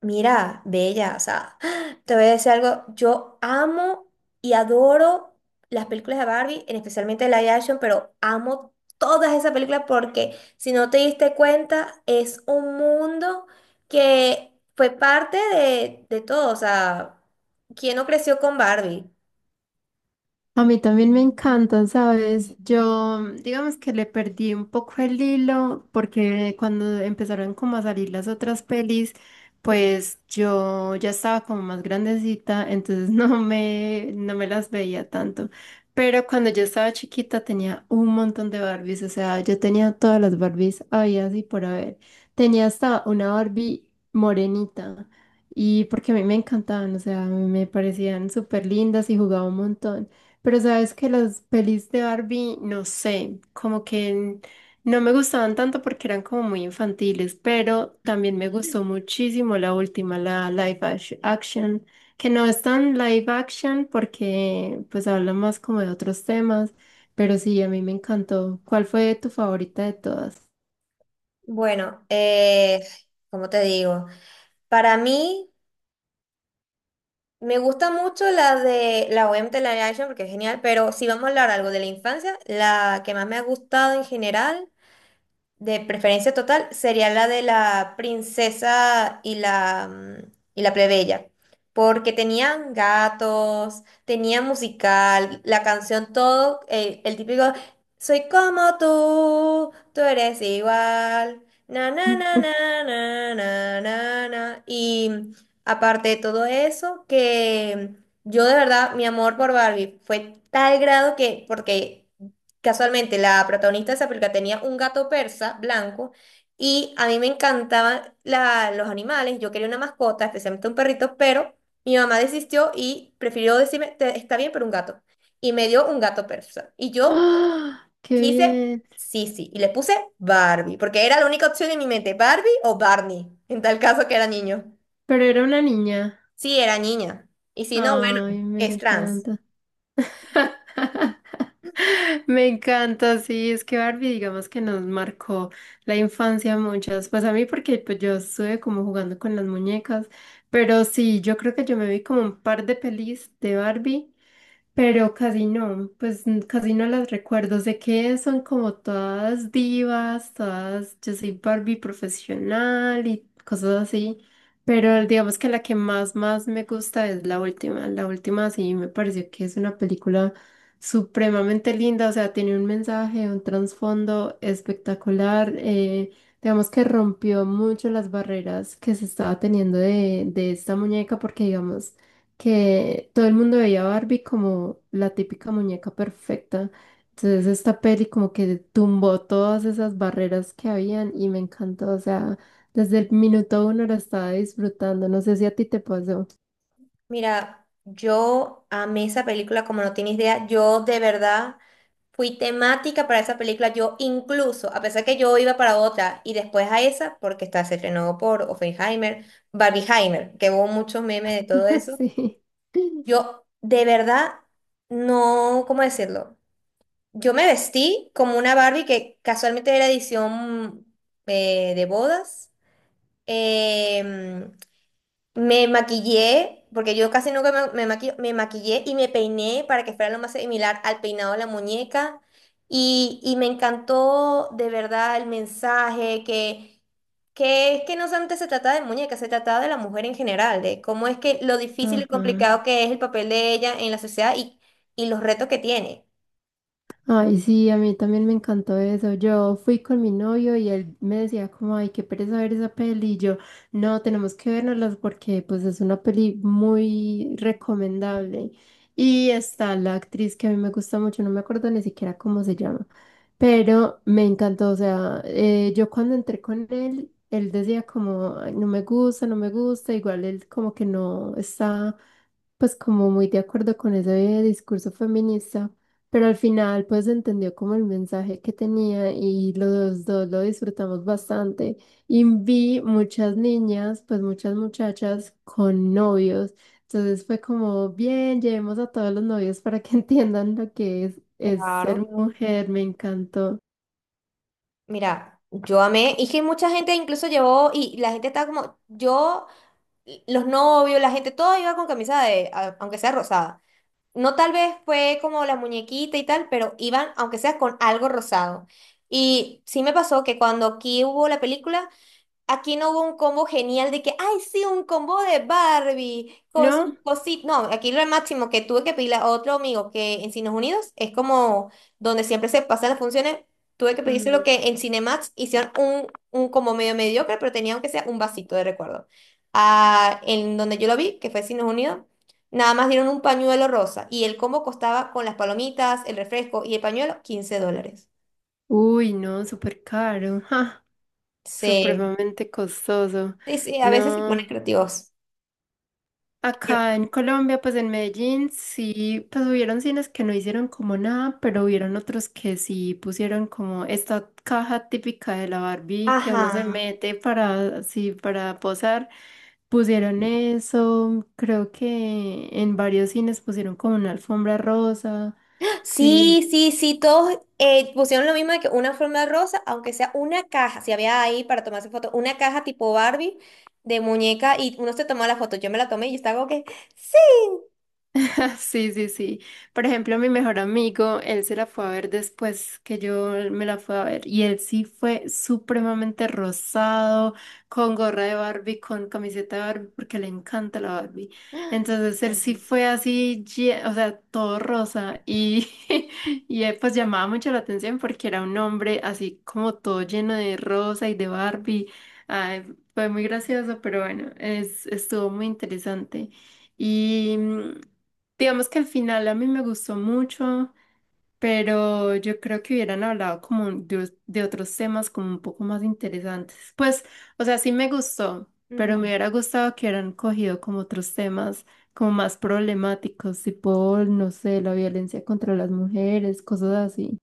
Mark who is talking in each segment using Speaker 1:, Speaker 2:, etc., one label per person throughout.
Speaker 1: Mira, bella, o sea, te voy a decir algo, yo amo y adoro las películas de Barbie, en especialmente de live action, pero amo todas esas películas porque si no te diste cuenta, es un mundo que fue parte de todo, o sea, ¿quién no creció con Barbie?
Speaker 2: A mí también me encanta, ¿sabes? Yo, digamos que le perdí un poco el hilo porque cuando empezaron como a salir las otras pelis, pues yo ya estaba como más grandecita, entonces no me las veía tanto. Pero cuando yo estaba chiquita tenía un montón de Barbies, o sea, yo tenía todas las Barbies había y por haber. Tenía hasta una Barbie morenita y porque a mí me encantaban, o sea, me parecían súper lindas y jugaba un montón. Pero sabes que las pelis de Barbie, no sé, como que no me gustaban tanto porque eran como muy infantiles, pero también me gustó muchísimo la última, la action, que no es tan live action porque pues habla más como de otros temas, pero sí, a mí me encantó. ¿Cuál fue tu favorita de todas?
Speaker 1: Bueno, ¿cómo te digo? Para mí. Me gusta mucho la de la OMT, la de Action, porque es genial, pero si vamos a hablar algo de la infancia, la que más me ha gustado en general de preferencia total sería la de la princesa y y la plebeya, porque tenían gatos, tenían musical, la canción, todo, el, típico, soy como tú eres igual, na, na, na, na, na, na, na, na. Y aparte de todo eso, que yo de verdad, mi amor por Barbie fue tal grado que, porque. Casualmente, la protagonista de esa película tenía un gato persa blanco y a mí me encantaban los animales. Yo quería una mascota, especialmente un perrito, pero mi mamá desistió y prefirió decirme, está bien, pero un gato. Y me dio un gato persa. Y yo
Speaker 2: ¡Ah! ¡Qué
Speaker 1: quise
Speaker 2: bien!
Speaker 1: Sisi y le puse Barbie, porque era la única opción en mi mente, Barbie o Barney, en tal caso que era niño.
Speaker 2: Pero era una niña.
Speaker 1: Sí, era niña. Y si no, bueno,
Speaker 2: Ay, me
Speaker 1: es trans.
Speaker 2: encanta. Me encanta, sí, es que Barbie, digamos que nos marcó la infancia a muchas, pues a mí porque pues, yo estuve como jugando con las muñecas, pero sí, yo creo que yo me vi como un par de pelis de Barbie, pero casi no, pues casi no las recuerdo, sé que son como todas divas, todas, yo soy Barbie profesional y cosas así. Pero digamos que la que más me gusta es la última. La última sí me pareció que es una película supremamente linda, o sea, tiene un mensaje, un trasfondo espectacular. Digamos que rompió mucho las barreras que se estaba teniendo de esta muñeca, porque digamos que todo el mundo veía a Barbie como la típica muñeca perfecta. Entonces esta peli como que tumbó todas esas barreras que habían y me encantó, o sea... Desde el minuto uno lo estaba disfrutando. No sé si a ti te pasó.
Speaker 1: Mira, yo amé esa película como no tienes idea. Yo de verdad fui temática para esa película. Yo incluso, a pesar que yo iba para otra y después a esa, porque esta se estrenó por Oppenheimer, Barbieheimer, que hubo muchos memes de todo eso.
Speaker 2: Sí.
Speaker 1: Yo de verdad no, ¿cómo decirlo? Yo me vestí como una Barbie que casualmente era edición de bodas. Em, me maquillé, porque yo casi nunca me maquillo, me maquillé y me peiné para que fuera lo más similar al peinado de la muñeca. Y me encantó de verdad el mensaje que es que no solamente se trataba de muñeca, se trataba de la mujer en general, de cómo es que lo difícil y
Speaker 2: Ajá.
Speaker 1: complicado que es el papel de ella en la sociedad y los retos que tiene.
Speaker 2: Ay, sí, a mí también me encantó eso. Yo fui con mi novio y él me decía como, ay, qué pereza ver esa peli. Y yo, no, tenemos que vernoslas porque pues es una peli muy recomendable. Y está la actriz que a mí me gusta mucho, no me acuerdo ni siquiera cómo se llama, pero me encantó. O sea, yo cuando entré con él, él decía como, "Ay, no me gusta. Igual él como que no está pues como muy de acuerdo con ese discurso feminista. Pero al final, pues entendió como el mensaje que tenía y los dos lo disfrutamos bastante. Y vi muchas niñas, pues muchas muchachas con novios. Entonces fue como, bien, llevemos a todos los novios para que entiendan lo que es ser
Speaker 1: Claro.
Speaker 2: mujer. Me encantó.
Speaker 1: Mira, yo amé, y que mucha gente incluso llevó, y la gente estaba como, yo. Los novios, la gente, todo iba con camisa de, aunque sea rosada. No tal vez fue como la muñequita y tal, pero iban, aunque sea con algo rosado. Y sí me pasó que cuando aquí hubo la película. Aquí no hubo un combo genial de que, ay, sí, un combo de Barbie con sus
Speaker 2: ¿No?
Speaker 1: cositas. No, aquí lo máximo que tuve que pedirle a otro amigo que en Cines Unidos es como donde siempre se pasan las funciones. Tuve que pedirse lo
Speaker 2: Mm.
Speaker 1: que en Cinemax hicieron un combo medio mediocre, pero tenía aunque sea un vasito de recuerdo. Ah, en donde yo lo vi, que fue Cines Unidos, nada más dieron un pañuelo rosa y el combo costaba con las palomitas, el refresco y el pañuelo $15.
Speaker 2: Uy, no, súper caro, ja,
Speaker 1: Sí,
Speaker 2: supremamente costoso.
Speaker 1: sí, sí, a veces se ponen
Speaker 2: No.
Speaker 1: creativos. Pero-
Speaker 2: Acá en Colombia, pues en Medellín, sí, pues hubieron cines que no hicieron como nada, pero hubieron otros que sí pusieron como esta caja típica de la Barbie que uno se
Speaker 1: Ajá.
Speaker 2: mete para, así, para posar. Pusieron eso, creo que en varios cines pusieron como una alfombra rosa.
Speaker 1: Sí,
Speaker 2: Sí,
Speaker 1: sí, sí, todos pusieron lo mismo de que una forma de rosa, aunque sea una caja, si había ahí para tomarse foto, una caja tipo Barbie de muñeca y uno se tomó la foto, yo me la tomé y yo estaba como que, sí.
Speaker 2: sí, sí, sí. Por ejemplo, mi mejor amigo, él se la fue a ver después que yo me la fui a ver y él sí fue supremamente rosado, con gorra de Barbie, con camiseta de Barbie, porque le encanta la Barbie. Entonces él sí fue así, o sea, todo rosa y, y pues llamaba mucho la atención porque era un hombre así como todo lleno de rosa y de Barbie. Ay, fue muy gracioso, pero bueno, es, estuvo muy interesante. Y... digamos que al final a mí me gustó mucho, pero yo creo que hubieran hablado como de otros temas como un poco más interesantes. Pues, o sea, sí me gustó, pero me
Speaker 1: Ujú.
Speaker 2: hubiera gustado que hubieran cogido como otros temas como más problemáticos, tipo, no sé, la violencia contra las mujeres, cosas así.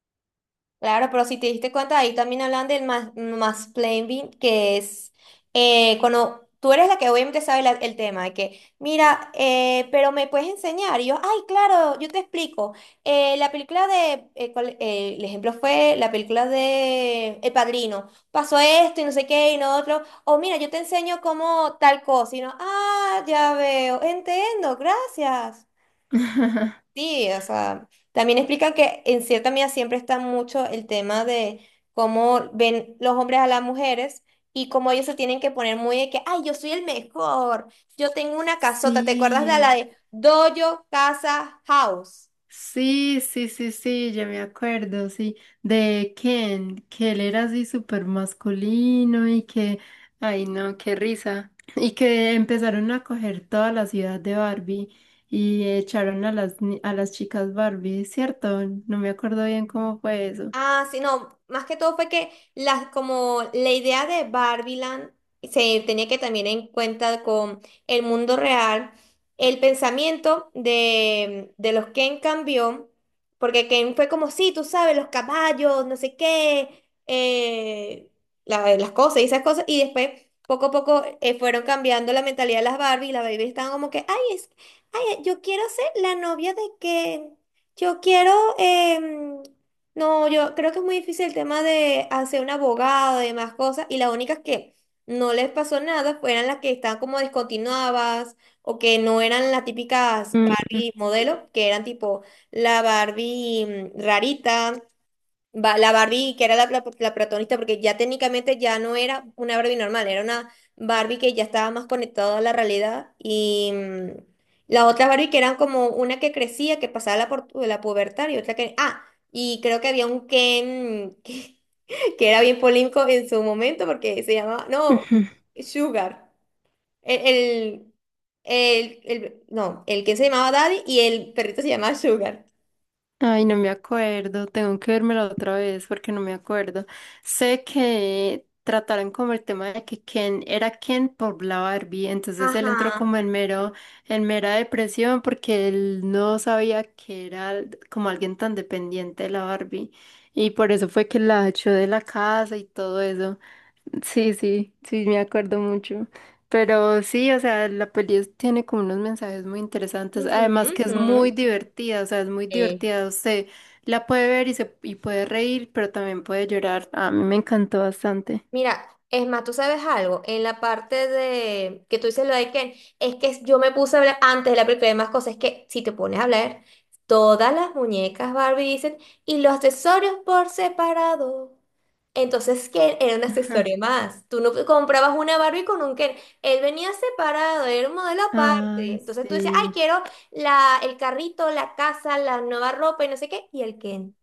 Speaker 1: Claro, pero si te diste cuenta, ahí también hablan del mansplaining, que es cuando tú eres la que obviamente sabe el tema, de que, mira, pero me puedes enseñar. Y yo, ay, claro, yo te explico. La película de, el ejemplo fue la película de El Padrino. Pasó esto y no sé qué y no otro. O mira, yo te enseño cómo tal cosa. Y no, ah, ya veo, entiendo, gracias. Sí, o sea, también explican que en cierta medida siempre está mucho el tema de cómo ven los hombres a las mujeres y cómo ellos se tienen que poner muy de que, ay, yo soy el mejor, yo tengo una casota, ¿te acuerdas de la
Speaker 2: Sí.
Speaker 1: de Dojo Casa House?
Speaker 2: Sí, sí, sí, sí, ya me acuerdo, sí, de Ken, que él era así súper masculino y que, ay no, qué risa, y que empezaron a coger toda la ciudad de Barbie y echaron a las, a las chicas Barbie, ¿cierto? No me acuerdo bien cómo fue eso.
Speaker 1: Ah, sí, no, más que todo fue que las, como la idea de Barbieland se tenía que también en cuenta con el mundo real, el pensamiento de los Ken cambió, porque Ken fue como, sí, tú sabes, los caballos, no sé qué, las cosas y esas cosas, y después poco a poco fueron cambiando la mentalidad de las Barbie y las Baby estaban como que, ay, es, ay, yo quiero ser la novia de Ken, yo quiero. Em, no, yo creo que es muy difícil el tema de hacer un abogado y demás cosas, y las únicas que no les pasó nada fueron las que estaban como descontinuadas o que no eran las típicas
Speaker 2: Mm,
Speaker 1: Barbie modelo, que eran tipo la Barbie rarita, La Barbie, que era la protagonista, porque ya técnicamente ya no era una Barbie normal, era una Barbie que ya estaba más conectada a la realidad. Y la otra Barbie que eran como una que crecía, que pasaba la pubertad y otra que. Ah, y creo que había un Ken que era bien polémico en su momento porque se llamaba. No,
Speaker 2: ujú.
Speaker 1: Sugar. El, el no, el que se llamaba Daddy y el perrito se llamaba Sugar.
Speaker 2: Ay, no me acuerdo, tengo que vérmela otra vez porque no me acuerdo. Sé que trataron como el tema de que Ken era Ken por la Barbie, entonces él entró
Speaker 1: Ajá.
Speaker 2: como en mero, en mera depresión porque él no sabía que era como alguien tan dependiente de la Barbie y por eso fue que la echó de la casa y todo eso. Sí, sí, sí, me acuerdo mucho. Pero sí, o sea, la peli es- tiene como unos mensajes muy interesantes.
Speaker 1: Ujú,
Speaker 2: Además que es muy
Speaker 1: ujú.
Speaker 2: divertida, o sea, es muy
Speaker 1: Sí.
Speaker 2: divertida. Usted la puede ver y, se, y puede reír, pero también puede llorar. A mí me encantó bastante.
Speaker 1: Mira, es más, tú sabes algo, en la parte de que tú dices lo de Ken, es que yo me puse a hablar antes de la película de más cosas, es que si te pones a hablar, todas las muñecas Barbie dicen, y los accesorios por separado. Entonces, Ken era un accesorio más. Tú no comprabas una Barbie con un Ken. Él venía separado, era un modelo
Speaker 2: Ah,
Speaker 1: aparte. Entonces tú decías, ay,
Speaker 2: sí.
Speaker 1: quiero el carrito, la casa, la nueva ropa y no sé qué. Y el Ken.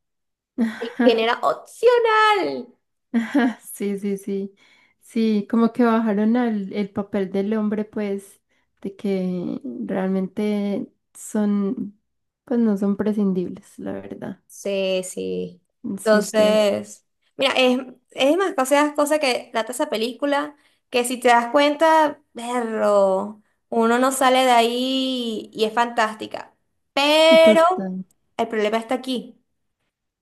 Speaker 1: El Ken era opcional.
Speaker 2: Sí, sí, sí. Sí, como que bajaron al, el papel del hombre, pues, de que realmente son, pues no son prescindibles, la verdad.
Speaker 1: Sí, sí.
Speaker 2: Súper.
Speaker 1: Entonces, mira, es demasiadas cosas que trata esa película, que si te das cuenta, perro, uno no sale de ahí y es fantástica. Pero
Speaker 2: Total.
Speaker 1: el problema está aquí.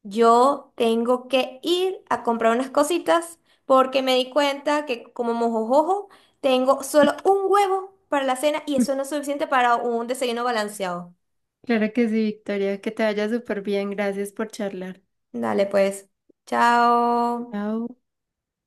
Speaker 1: Yo tengo que ir a comprar unas cositas porque me di cuenta que como mojojojo, tengo solo un huevo para la cena y eso no es suficiente para un desayuno balanceado.
Speaker 2: Claro que sí, Victoria. Que te vaya súper bien. Gracias por charlar.
Speaker 1: Dale, pues. Chao.
Speaker 2: Chao.